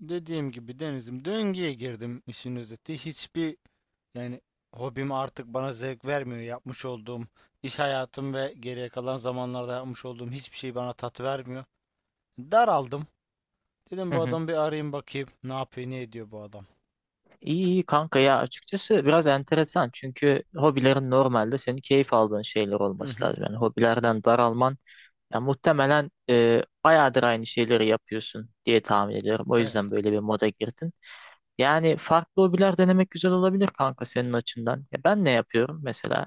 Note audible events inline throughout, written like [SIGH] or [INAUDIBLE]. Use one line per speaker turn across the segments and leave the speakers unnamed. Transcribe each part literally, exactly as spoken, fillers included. Dediğim gibi Deniz'im, döngüye girdim işin özeti. Hiçbir, yani hobim artık bana zevk vermiyor. Yapmış olduğum iş hayatım ve geriye kalan zamanlarda yapmış olduğum hiçbir şey bana tat vermiyor. Daraldım. Dedim
Hı
bu
hı.
adamı bir arayayım bakayım. Ne yapıyor, ne ediyor bu adam.
İyi iyi kanka ya açıkçası biraz enteresan çünkü hobilerin normalde senin keyif aldığın şeyler
Hı
olması
hı.
lazım. Yani hobilerden daralman. Ya muhtemelen e, bayağıdır aynı şeyleri yapıyorsun diye tahmin ediyorum. O
Evet.
yüzden böyle bir moda girdin. Yani farklı hobiler denemek güzel olabilir kanka senin açından. Ya ben ne yapıyorum mesela?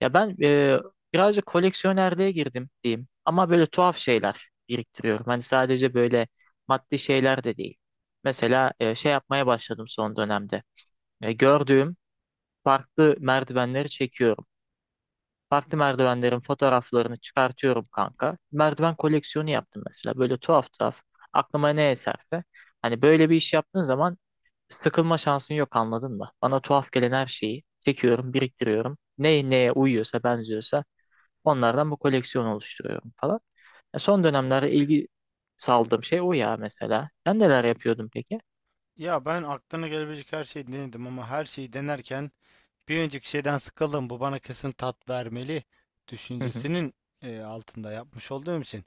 Ya ben e, birazcık koleksiyonerliğe girdim diyeyim. Ama böyle tuhaf şeyler biriktiriyorum. Hani sadece böyle maddi şeyler de değil. Mesela e, şey yapmaya başladım son dönemde. E, gördüğüm farklı merdivenleri çekiyorum. Farklı merdivenlerin fotoğraflarını çıkartıyorum kanka. Merdiven koleksiyonu yaptım mesela. Böyle tuhaf tuhaf. Aklıma ne eserse. Hani böyle bir iş yaptığın zaman sıkılma şansın yok, anladın mı? Bana tuhaf gelen her şeyi çekiyorum, biriktiriyorum. Ne neye uyuyorsa, benziyorsa onlardan bu koleksiyonu oluşturuyorum falan. E, son dönemlerde ilgi saldığım şey o ya mesela. Sen neler yapıyordun peki?
Ya ben aklına gelebilecek her şeyi denedim ama her şeyi denerken bir önceki şeyden sıkıldım. Bu bana kesin tat vermeli
Hı hı,
düşüncesinin e, altında yapmış olduğum için.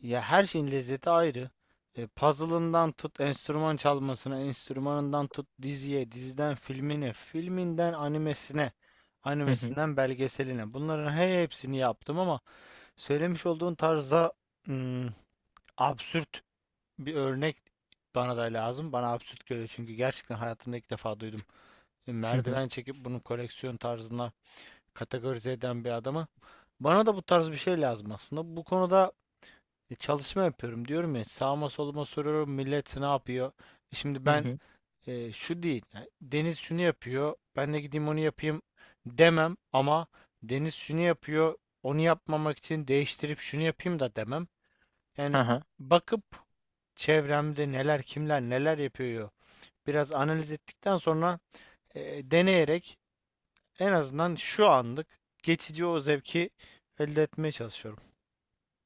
Ya her şeyin lezzeti ayrı. E, puzzle'ından tut enstrüman çalmasına, enstrümanından tut diziye, diziden filmine, filminden animesine,
hı hı,
animesinden belgeseline. Bunların he- hepsini yaptım ama söylemiş olduğun tarzda hmm, absürt bir örnek bana da lazım. Bana absürt geliyor çünkü gerçekten hayatımda ilk defa duydum. E,
hı hı,
merdiven çekip bunu koleksiyon tarzına kategorize eden bir adamı. Bana da bu tarz bir şey lazım aslında. Bu konuda e, çalışma yapıyorum, diyorum ya, sağıma soluma soruyorum millet ne yapıyor? E, Şimdi
hı
ben,
hı,
e, şu değil yani, Deniz şunu yapıyor ben de gideyim onu yapayım demem ama Deniz şunu yapıyor onu yapmamak için değiştirip şunu yapayım da demem.
hı
Yani
hı.
bakıp çevremde neler, kimler, neler yapıyor biraz analiz ettikten sonra e, deneyerek en azından şu anlık geçici o zevki elde etmeye çalışıyorum.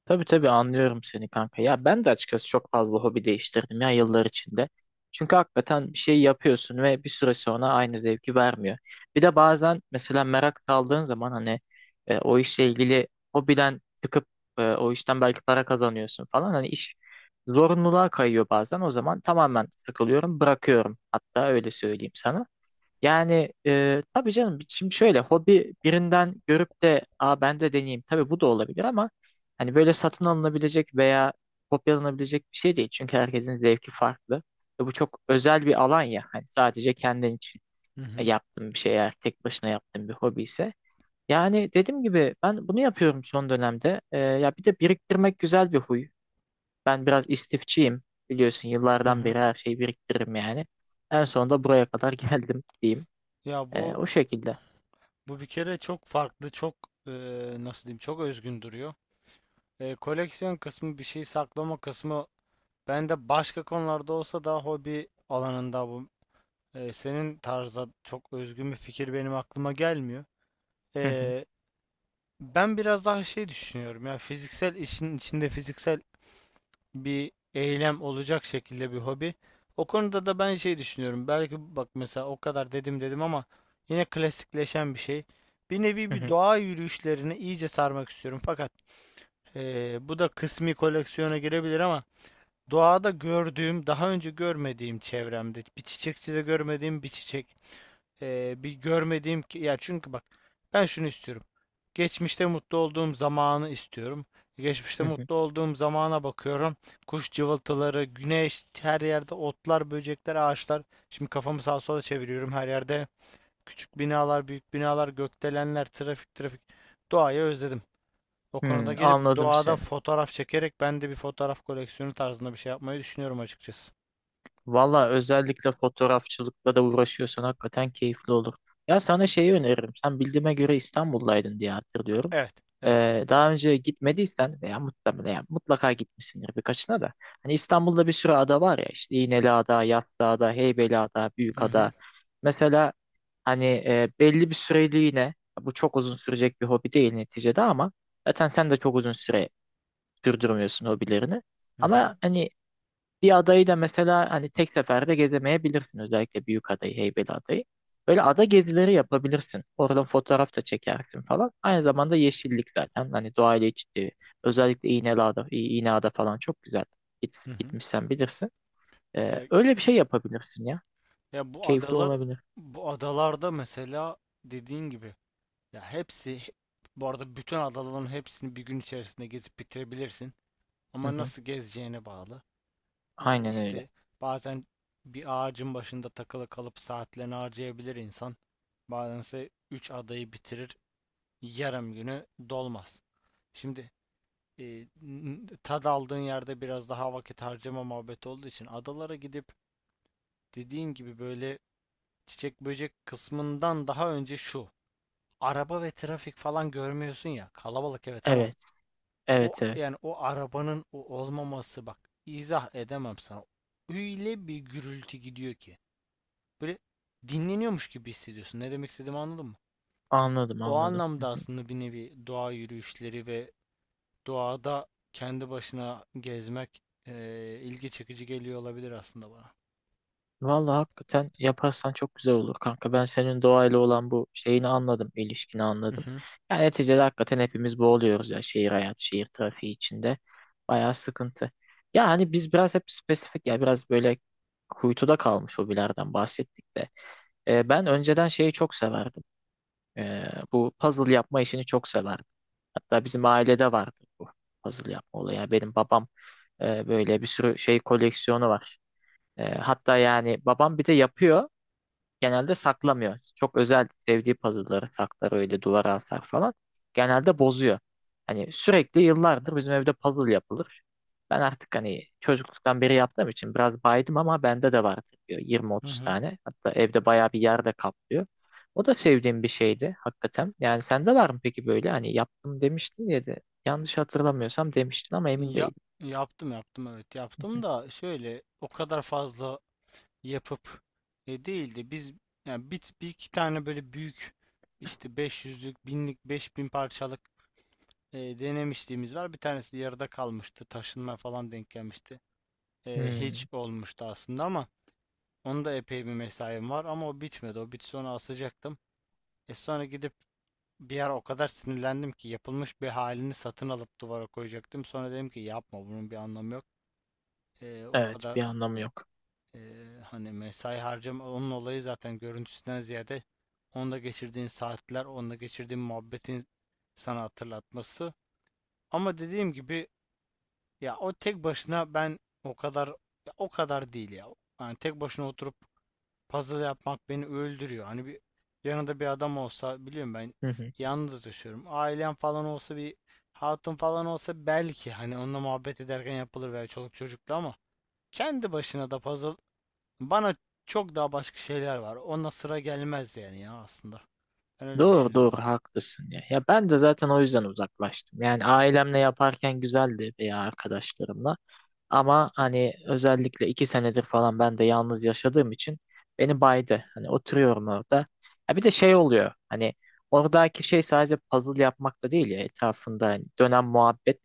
Tabii tabii anlıyorum seni kanka. Ya ben de açıkçası çok fazla hobi değiştirdim ya yıllar içinde. Çünkü hakikaten bir şey yapıyorsun ve bir süre sonra aynı zevki vermiyor. Bir de bazen mesela merak kaldığın zaman hani e, o işle ilgili hobiden çıkıp e, o işten belki para kazanıyorsun falan. Hani iş zorunluluğa kayıyor bazen. O zaman tamamen sıkılıyorum, bırakıyorum. Hatta öyle söyleyeyim sana. Yani e, tabii canım, şimdi şöyle, hobi birinden görüp de aa ben de deneyeyim. Tabii bu da olabilir ama hani böyle satın alınabilecek veya kopyalanabilecek bir şey değil. Çünkü herkesin zevki farklı. Ve bu çok özel bir alan ya. Hani sadece kendin için
Hı
e,
hı.
yaptığın bir şey, eğer tek başına yaptığın bir hobi ise. Yani dediğim gibi ben bunu yapıyorum son dönemde. E, ya bir de biriktirmek güzel bir huy. Ben biraz istifçiyim. Biliyorsun
Hı
yıllardan
hı.
beri her şeyi biriktiririm yani. En sonunda buraya kadar [LAUGHS] geldim diyeyim.
Ya
E,
bu
o şekilde.
Bu bir kere çok farklı, çok, e, nasıl diyeyim, çok özgün duruyor. E, koleksiyon kısmı, bir şey saklama kısmı bende başka konularda olsa da hobi alanında bu. E, senin tarza çok özgün bir fikir benim aklıma gelmiyor.
Hı hı,
E, Ben biraz daha şey düşünüyorum, ya fiziksel işin içinde fiziksel bir eylem olacak şekilde bir hobi. O konuda da ben şey düşünüyorum. Belki bak mesela o kadar dedim dedim ama yine klasikleşen bir şey. Bir nevi
hı
bir
hı,
doğa yürüyüşlerini iyice sarmak istiyorum. Fakat eee, bu da kısmi koleksiyona girebilir ama doğada gördüğüm, daha önce görmediğim, çevremde bir çiçekçide görmediğim bir çiçek, ee, bir görmediğim ki ya, çünkü bak ben şunu istiyorum. Geçmişte mutlu olduğum zamanı istiyorum. Geçmişte
hı hı.
mutlu olduğum zamana bakıyorum. Kuş cıvıltıları, güneş, her yerde otlar, böcekler, ağaçlar. Şimdi kafamı sağa sola çeviriyorum her yerde. Küçük binalar, büyük binalar, gökdelenler, trafik, trafik. Doğayı özledim. O konuda
Hmm,
gelip
anladım
doğada
seni.
fotoğraf çekerek ben de bir fotoğraf koleksiyonu tarzında bir şey yapmayı düşünüyorum açıkçası.
Valla özellikle fotoğrafçılıkla da uğraşıyorsan hakikaten keyifli olur. Ya sana şeyi öneririm. Sen bildiğime göre İstanbul'daydın diye hatırlıyorum.
Evet, evet.
Ee, daha önce gitmediysen veya muhtemelen, ya mutlaka gitmişsindir birkaçına da. Hani İstanbul'da bir sürü ada var ya, işte İğneliada, Yassıada, Heybeliada,
Hı hı,
Büyükada. Mesela hani e, belli bir süreliğine, bu çok uzun sürecek bir hobi değil neticede ama zaten sen de çok uzun süre sürdürmüyorsun hobilerini.
hı hı,
Ama hani bir adayı da mesela hani tek seferde gezemeyebilirsin. Özellikle Büyük adayı, Heybeli adayı. Böyle ada gezileri yapabilirsin. Oradan fotoğraf da çekersin falan. Aynı zamanda yeşillik zaten. Hani doğayla iç içe. Özellikle İğneada, İ- İğneada falan çok güzel. Git,
hı hı.
gitmişsen bilirsin. Ee,
Ya
öyle bir şey yapabilirsin ya.
Ya bu
Keyifli
adalar,
olabilir.
bu adalarda mesela dediğin gibi, ya hepsi, bu arada bütün adaların hepsini bir gün içerisinde gezip bitirebilirsin.
Hı
Ama
hı.
nasıl gezeceğine bağlı. Ee,
Aynen öyle.
işte bazen bir ağacın başında takılı kalıp saatlerini harcayabilir insan. Bazense üç adayı bitirir, yarım günü dolmaz. Şimdi e, n- tad aldığın yerde biraz daha vakit harcama muhabbeti olduğu için adalara gidip dediğin gibi böyle çiçek böcek kısmından daha önce şu. Araba ve trafik falan görmüyorsun ya. Kalabalık evet ama
Evet,
o,
evet, evet.
yani o arabanın o olmaması, bak izah edemem sana. Öyle bir gürültü gidiyor ki. Böyle dinleniyormuş gibi hissediyorsun. Ne demek istediğimi anladın mı?
Anladım,
O
anladım. Hı
anlamda
hı.
aslında bir nevi doğa yürüyüşleri ve doğada kendi başına gezmek eee, ilgi çekici geliyor olabilir aslında bana.
Vallahi hakikaten yaparsan çok güzel olur kanka. Ben senin doğayla olan bu şeyini anladım, ilişkini
Hı
anladım.
hı.
Yani neticede hakikaten hepimiz boğuluyoruz ya, şehir hayatı, şehir trafiği içinde. Bayağı sıkıntı. Ya hani biz biraz hep spesifik ya, biraz böyle kuytuda kalmış hobilerden bahsettik de. Ee, ben önceden şeyi çok severdim. Ee, Bu puzzle yapma işini çok severdim. Hatta bizim ailede vardı bu puzzle yapma olayı. Yani benim babam e, böyle bir sürü şey koleksiyonu var. E, hatta yani babam bir de yapıyor, genelde saklamıyor. Çok özel sevdiği puzzle'ları saklar, öyle duvara asar falan. Genelde bozuyor. Hani sürekli yıllardır bizim evde puzzle yapılır. Ben artık hani çocukluktan beri yaptığım için biraz baydım ama bende de var
Hı
yirmi otuz
hı.
tane. Hatta evde bayağı bir yerde kaplıyor. O da sevdiğim bir şeydi hakikaten. Yani sende var mı peki böyle, hani yaptım demiştin ya da, yanlış hatırlamıyorsam demiştin ama emin
Ya,
değilim.
yaptım yaptım, evet yaptım da, şöyle o kadar fazla yapıp e, değildi. Biz yani bir, bir iki tane böyle büyük işte beş yüzlük, binlik, beş bin parçalık e, denemişliğimiz var. Bir tanesi yarıda kalmıştı. Taşınma falan denk gelmişti. E, hiç
Hmm,
olmuştu aslında ama onda epey bir mesaim var ama o bitmedi. O bitse onu asacaktım. E, sonra gidip bir ara o kadar sinirlendim ki yapılmış bir halini satın alıp duvara koyacaktım. Sonra dedim ki yapma, bunun bir anlamı yok. Eee, o
evet, bir
kadar
anlamı yok.
Ee, hani mesai harcama, onun olayı zaten görüntüsünden ziyade onda geçirdiğin saatler, onda geçirdiğin muhabbetin sana hatırlatması. Ama dediğim gibi ya o tek başına ben, o kadar, ya o kadar değil ya. Yani tek başına oturup puzzle yapmak beni öldürüyor. Hani bir yanında bir adam olsa, biliyorum ben
[LAUGHS]
yalnız yaşıyorum. Ailem falan olsa, bir hatun falan olsa belki, hani onunla muhabbet ederken yapılır veya çoluk çocukla, ama kendi başına da puzzle bana, çok daha başka şeyler var. Ona sıra gelmez yani ya aslında. Ben öyle
Doğru
düşünüyorum
doğru
ben.
haklısın ya. Ya ben de zaten o yüzden uzaklaştım. Yani ailemle yaparken güzeldi veya arkadaşlarımla. Ama hani özellikle iki senedir falan ben de yalnız yaşadığım için beni baydı. Hani oturuyorum orada. Ya bir de şey oluyor. Hani oradaki şey sadece puzzle yapmak da değil ya, etrafında hani dönen muhabbet.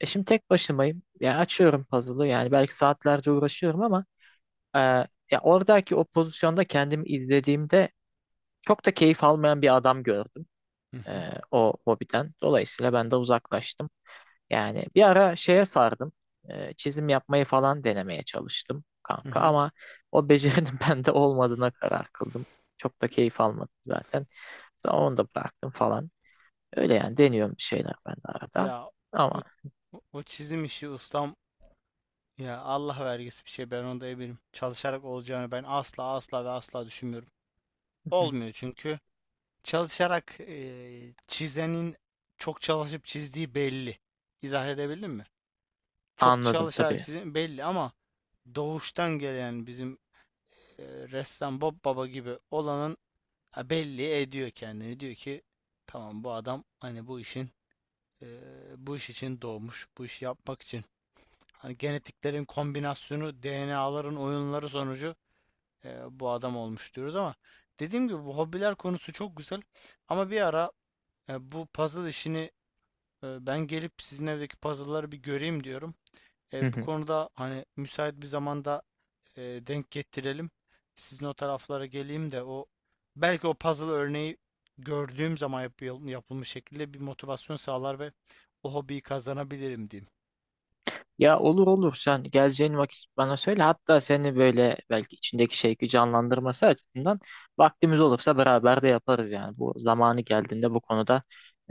E şimdi tek başımayım. Ya açıyorum puzzle'ı. Yani belki saatlerce uğraşıyorum ama e, ya oradaki o pozisyonda kendimi izlediğimde çok da keyif almayan bir adam gördüm.
Hı hı.
Ee, o hobiden. Dolayısıyla ben de uzaklaştım. Yani bir ara şeye sardım. Ee, çizim yapmayı falan denemeye çalıştım
Hı
kanka
hı.
ama o becerinin [LAUGHS] bende olmadığına karar kıldım. Çok da keyif almadım zaten. Sonra onu da bıraktım falan. Öyle yani, deniyorum bir şeyler ben de arada.
Ya
Ama
o, o, o çizim işi ustam, ya Allah vergisi bir şey, ben onda eminim. Çalışarak olacağını ben asla asla ve asla düşünmüyorum. Olmuyor
[LAUGHS]
çünkü çalışarak, e, çizenin çok çalışıp çizdiği belli. İzah edebildim mi? Çok
anladım
çalışarak
tabii.
çizdiği belli ama doğuştan gelen bizim e, ressam Bob Baba gibi olanın, ha, belli ediyor kendini. Diyor ki tamam, bu adam hani bu işin eee, bu iş için doğmuş. Bu işi yapmak için. Hani genetiklerin kombinasyonu, D N A'ların oyunları sonucu eee, bu adam olmuş diyoruz ama dediğim gibi bu hobiler konusu çok güzel. Ama bir ara e, bu puzzle işini, e, ben gelip sizin evdeki puzzle'ları bir göreyim diyorum. E, bu
[LAUGHS]
konuda hani müsait bir zamanda e, denk getirelim. Sizin o taraflara geleyim de o, belki o puzzle örneği gördüğüm zaman yap- yapılmış şekilde bir motivasyon sağlar ve o hobiyi kazanabilirim diyeyim.
Ya olur olur, sen geleceğin vakit bana söyle. Hatta seni böyle, belki içindeki şeyi canlandırması açısından, vaktimiz olursa beraber de yaparız yani. Bu zamanı geldiğinde bu konuda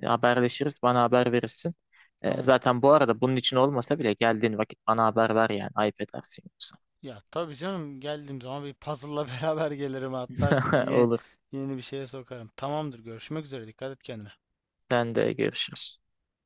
e, haberleşiriz. Bana haber verirsin. E,
Tamam.
zaten bu arada bunun için olmasa bile geldiğin vakit bana haber ver yani. Ayıp edersin yoksa.
Ya tabii canım, geldiğim zaman bir puzzle'la [LAUGHS] beraber gelirim, hatta sizi
[LAUGHS]
ye-
Olur.
yeni bir şeye sokarım. Tamamdır. Görüşmek üzere. Dikkat et kendine.
Sen de görüşürüz.